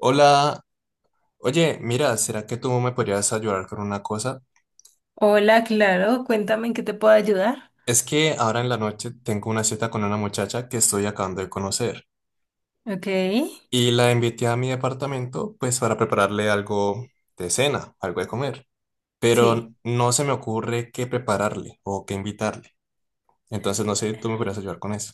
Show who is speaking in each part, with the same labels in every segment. Speaker 1: Hola, oye, mira, ¿será que tú me podrías ayudar con una cosa?
Speaker 2: Hola, claro, cuéntame en qué te puedo ayudar.
Speaker 1: Es que ahora en la noche tengo una cita con una muchacha que estoy acabando de conocer
Speaker 2: Ok,
Speaker 1: y la invité a mi departamento pues para prepararle algo de cena, algo de comer,
Speaker 2: sí.
Speaker 1: pero no se me ocurre qué prepararle o qué invitarle. Entonces no sé, ¿tú me podrías ayudar con eso?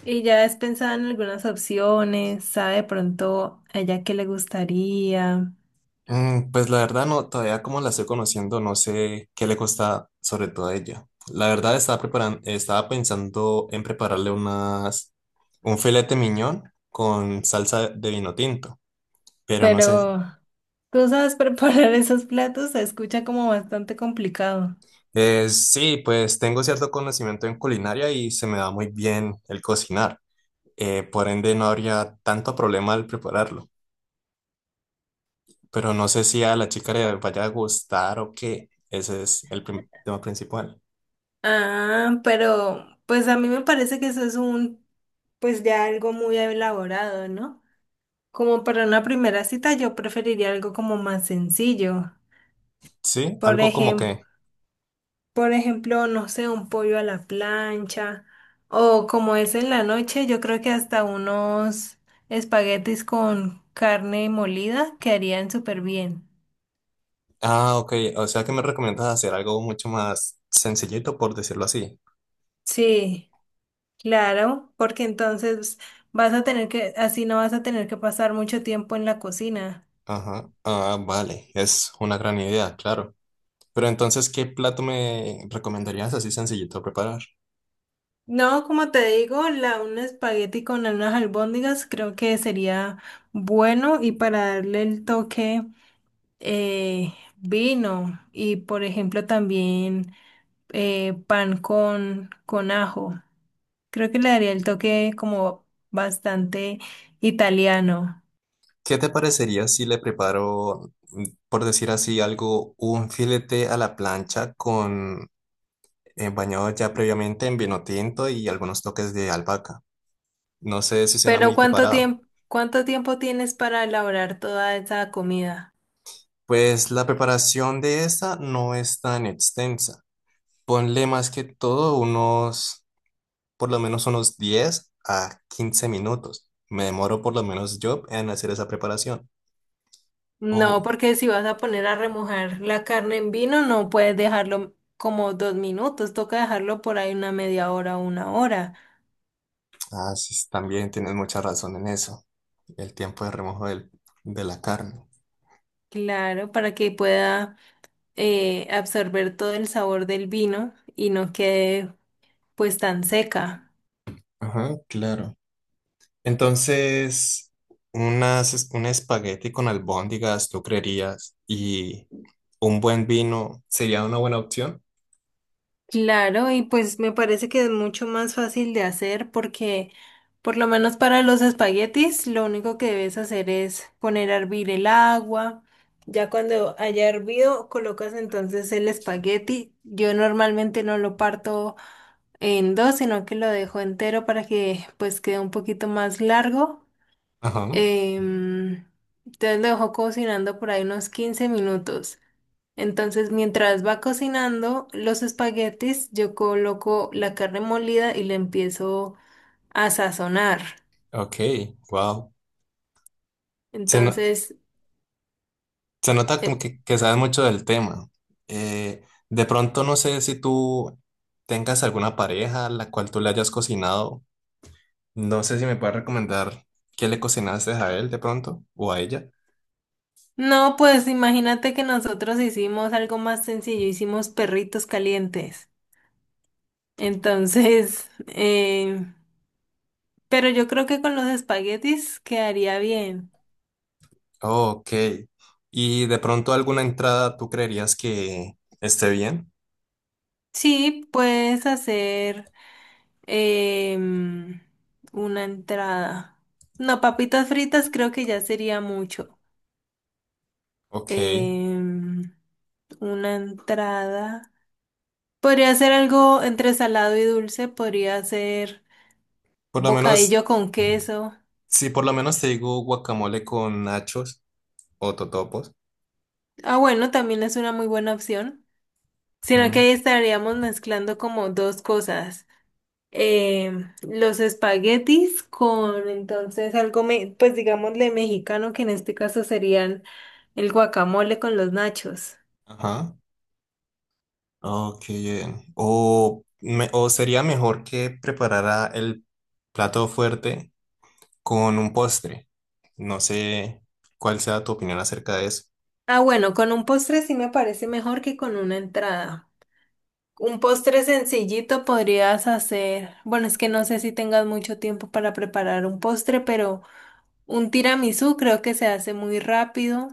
Speaker 2: Y ya has pensado en algunas opciones, sabe de pronto a ella qué le gustaría,
Speaker 1: Pues la verdad no, todavía como la estoy conociendo, no sé qué le cuesta sobre todo a ella. La verdad estaba pensando en prepararle un filete miñón con salsa de vino tinto, pero no sé.
Speaker 2: pero tú sabes preparar esos platos, se escucha como bastante complicado.
Speaker 1: Sí, pues tengo cierto conocimiento en culinaria y se me da muy bien el cocinar. Por ende no habría tanto problema al prepararlo, pero no sé si a la chica le vaya a gustar o qué. Ese es el tema principal.
Speaker 2: Ah, pero pues a mí me parece que eso es un, pues ya algo muy elaborado, ¿no? Como para una primera cita yo preferiría algo como más sencillo.
Speaker 1: Sí,
Speaker 2: Por
Speaker 1: algo como
Speaker 2: ejemplo,
Speaker 1: que...
Speaker 2: por ejemplo, no sé, un pollo a la plancha o como es en la noche, yo creo que hasta unos espaguetis con carne molida quedarían súper bien.
Speaker 1: Ah, ok. O sea que me recomiendas hacer algo mucho más sencillito, por decirlo así.
Speaker 2: Sí, claro, porque entonces vas a tener que, así no vas a tener que pasar mucho tiempo en la cocina.
Speaker 1: Ajá. Ah, vale. Es una gran idea, claro. Pero entonces, ¿qué plato me recomendarías así sencillito preparar?
Speaker 2: No, como te digo, la, un espagueti con unas albóndigas creo que sería bueno y para darle el toque vino y por ejemplo también pan con ajo. Creo que le daría el toque como bastante italiano.
Speaker 1: ¿Qué te parecería si le preparo, por decir así, algo, un filete a la plancha con bañado ya previamente en vino tinto y algunos toques de albahaca? No sé si suena
Speaker 2: Pero
Speaker 1: muy preparado.
Speaker 2: cuánto tiempo tienes para elaborar toda esa comida?
Speaker 1: Pues la preparación de esta no es tan extensa. Ponle más que todo unos, por lo menos unos 10 a 15 minutos. Me demoro por lo menos yo en hacer esa preparación.
Speaker 2: No,
Speaker 1: Oh,
Speaker 2: porque si vas a poner a remojar la carne en vino, no puedes dejarlo como 2 minutos, toca dejarlo por ahí una media hora o una hora.
Speaker 1: sí, también tienes mucha razón en eso. El tiempo de remojo de la carne.
Speaker 2: Claro, para que pueda absorber todo el sabor del vino y no quede pues tan seca.
Speaker 1: Ajá, claro. Entonces, unas, un espagueti con albóndigas, ¿tú creerías? Y un buen vino sería una buena opción.
Speaker 2: Claro, y pues me parece que es mucho más fácil de hacer porque por lo menos para los espaguetis lo único que debes hacer es poner a hervir el agua. Ya cuando haya hervido, colocas entonces el espagueti. Yo normalmente no lo parto en dos, sino que lo dejo entero para que pues quede un poquito más largo.
Speaker 1: Ajá,
Speaker 2: Em, entonces lo dejo cocinando por ahí unos 15 minutos. Entonces, mientras va cocinando los espaguetis, yo coloco la carne molida y le empiezo a sazonar.
Speaker 1: ok, wow.
Speaker 2: Entonces,
Speaker 1: Se nota como
Speaker 2: eh,
Speaker 1: que sabes mucho del tema. Eh, de pronto no sé si tú tengas alguna pareja a la cual tú le hayas cocinado. No sé si me puedes recomendar qué le cocinaste a él de pronto o a ella.
Speaker 2: no, pues imagínate que nosotros hicimos algo más sencillo, hicimos perritos calientes. Entonces, pero yo creo que con los espaguetis quedaría bien.
Speaker 1: Ok. Y de pronto alguna entrada tú creerías que esté bien.
Speaker 2: Sí, puedes hacer em, una entrada. No, papitas fritas creo que ya sería mucho.
Speaker 1: Ok.
Speaker 2: em, una entrada. Podría ser algo entre salado y dulce, podría ser
Speaker 1: Por lo menos,
Speaker 2: bocadillo con queso.
Speaker 1: si por lo menos te digo guacamole con nachos o totopos.
Speaker 2: Ah, bueno, también es una muy buena opción. Sino que
Speaker 1: Mm,
Speaker 2: ahí estaríamos mezclando como dos cosas. Los espaguetis con entonces algo, pues digámosle mexicano, que en este caso serían el guacamole con los nachos.
Speaker 1: ajá. Ok, bien. O sería mejor que preparara el plato fuerte con un postre. No sé cuál sea tu opinión acerca de eso.
Speaker 2: Ah, bueno, con un postre sí me parece mejor que con una entrada. Un postre sencillito podrías hacer. Bueno, es que no sé si tengas mucho tiempo para preparar un postre, pero un tiramisú creo que se hace muy rápido.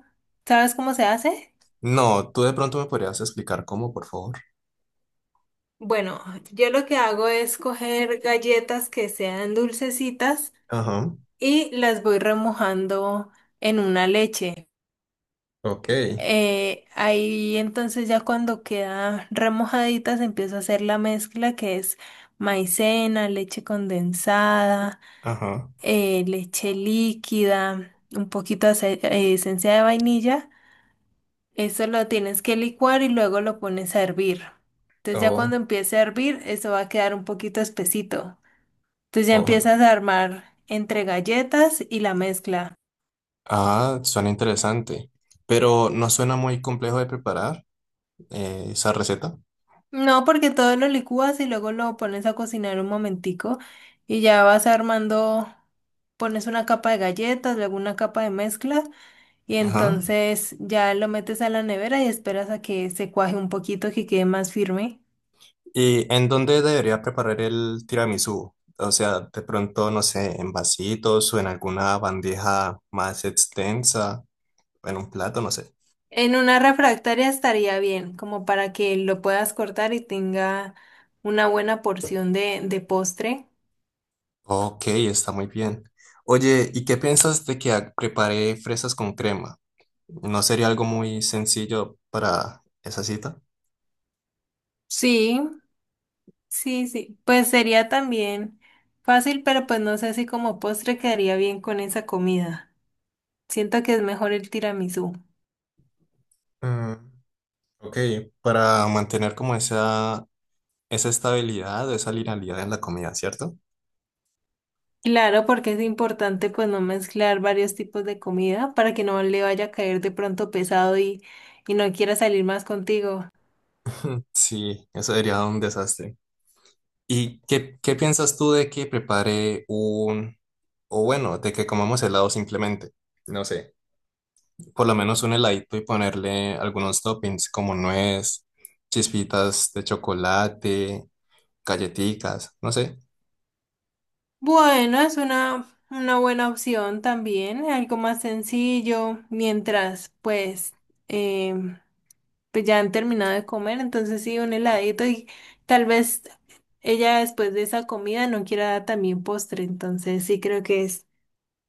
Speaker 2: ¿Sabes cómo se hace?
Speaker 1: No, tú de pronto me podrías explicar cómo, por favor.
Speaker 2: Bueno, yo lo que hago es coger galletas que sean dulcecitas
Speaker 1: Ajá.
Speaker 2: y las voy remojando en una leche.
Speaker 1: Ok.
Speaker 2: Ahí entonces ya cuando quedan remojaditas empiezo a hacer la mezcla que es maicena, leche condensada,
Speaker 1: Ajá.
Speaker 2: leche líquida, un poquito de esencia de vainilla. Eso lo tienes que licuar y luego lo pones a hervir. Entonces ya cuando
Speaker 1: Oh,
Speaker 2: empiece a hervir, eso va a quedar un poquito espesito. Entonces ya
Speaker 1: oh.
Speaker 2: empiezas a armar entre galletas y la mezcla.
Speaker 1: Ah, suena interesante. Pero no suena muy complejo de preparar esa receta.
Speaker 2: No, porque todo lo licúas y luego lo pones a cocinar un momentico y ya vas armando, pones una capa de galletas, luego una capa de mezcla. Y
Speaker 1: Ajá.
Speaker 2: entonces ya lo metes a la nevera y esperas a que se cuaje un poquito, que quede más firme.
Speaker 1: ¿Y en dónde debería preparar el tiramisú? O sea, de pronto, no sé, en vasitos o en alguna bandeja más extensa, en un plato, no sé.
Speaker 2: En una refractaria estaría bien, como para que lo puedas cortar y tenga una buena porción de postre.
Speaker 1: Ok, está muy bien. Oye, ¿y qué piensas de que prepare fresas con crema? ¿No sería algo muy sencillo para esa cita?
Speaker 2: Sí, sí, sí. Pues sería también fácil, pero pues no sé si como postre quedaría bien con esa comida. Siento que es mejor el tiramisú.
Speaker 1: Mm, ok, para mantener como esa estabilidad, esa linealidad en la comida, ¿cierto?
Speaker 2: Claro, porque es importante pues no mezclar varios tipos de comida para que no le vaya a caer de pronto pesado y no quiera salir más contigo.
Speaker 1: Sí, eso sería un desastre. ¿Y qué piensas tú de que o bueno, de que comamos helado simplemente? No sé, por lo menos un heladito y ponerle algunos toppings como nuez, chispitas de chocolate, galletitas, no sé.
Speaker 2: Bueno, es una buena opción también, algo más sencillo, mientras pues, em, pues ya han terminado de comer, entonces sí, un heladito y tal vez ella después de esa comida no quiera dar también postre, entonces sí creo que es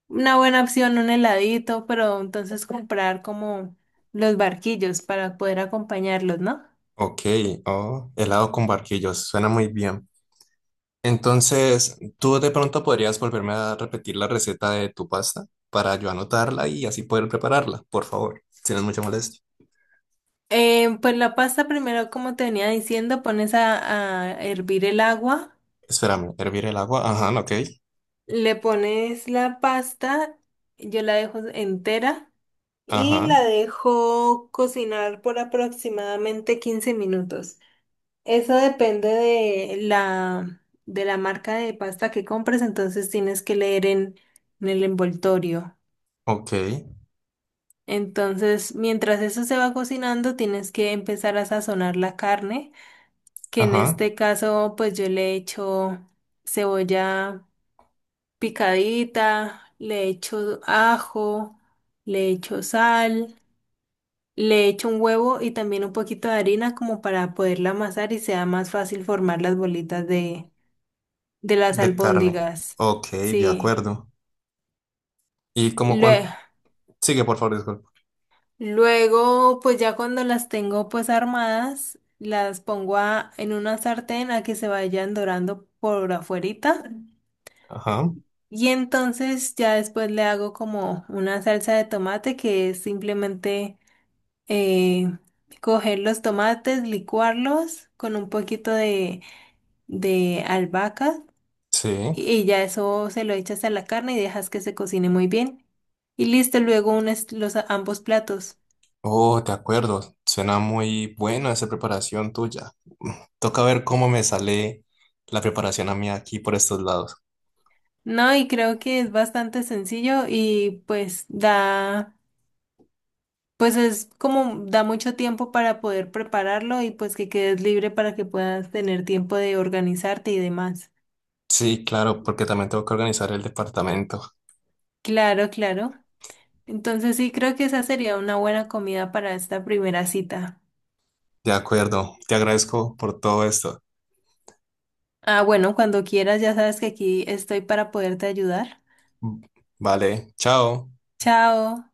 Speaker 2: una buena opción, un heladito, pero entonces comprar como los barquillos para poder acompañarlos, ¿no?
Speaker 1: Ok, oh, helado con barquillos, suena muy bien. Entonces, ¿tú de pronto podrías volverme a repetir la receta de tu pasta para yo anotarla y así poder prepararla, por favor, si no es mucha molestia?
Speaker 2: Pues la pasta primero, como te venía diciendo, pones a hervir el agua,
Speaker 1: Espérame, hervir el agua, ajá, ok,
Speaker 2: le pones la pasta, yo la dejo entera y
Speaker 1: ajá.
Speaker 2: la dejo cocinar por aproximadamente 15 minutos. Eso depende de la marca de pasta que compres, entonces tienes que leer en el envoltorio.
Speaker 1: Ok,
Speaker 2: Entonces, mientras eso se va cocinando, tienes que empezar a sazonar la carne, que en
Speaker 1: ajá,
Speaker 2: este caso, pues yo le echo cebolla picadita, le echo ajo, le echo sal, le echo un huevo y también un poquito de harina como para poderla amasar y sea más fácil formar las bolitas de las
Speaker 1: de carne.
Speaker 2: albóndigas.
Speaker 1: Ok, de
Speaker 2: Sí.
Speaker 1: acuerdo. Y como
Speaker 2: Lue-
Speaker 1: cuánto... Sigue, por favor, disculpa.
Speaker 2: Luego, pues ya cuando las tengo pues armadas, las pongo en una sartén a que se vayan dorando por afuerita.
Speaker 1: Ajá,
Speaker 2: Y entonces ya después le hago como una salsa de tomate que es simplemente eh, coger los tomates, licuarlos con un poquito de albahaca
Speaker 1: sí.
Speaker 2: y ya eso se lo echas a la carne y dejas que se cocine muy bien. Y listo, luego unes los ambos platos.
Speaker 1: Oh, de acuerdo. Suena muy buena esa preparación tuya. Toca ver cómo me sale la preparación a mí aquí por estos lados.
Speaker 2: No, y creo que es bastante sencillo y pues da, pues es como da mucho tiempo para poder prepararlo y pues que quedes libre para que puedas tener tiempo de organizarte y demás.
Speaker 1: Sí, claro, porque también tengo que organizar el departamento.
Speaker 2: Claro, claro. Entonces sí, creo que esa sería una buena comida para esta primera cita.
Speaker 1: De acuerdo, te agradezco por todo esto.
Speaker 2: Ah, bueno, cuando quieras, ya sabes que aquí estoy para poderte ayudar.
Speaker 1: Vale, chao.
Speaker 2: Chao.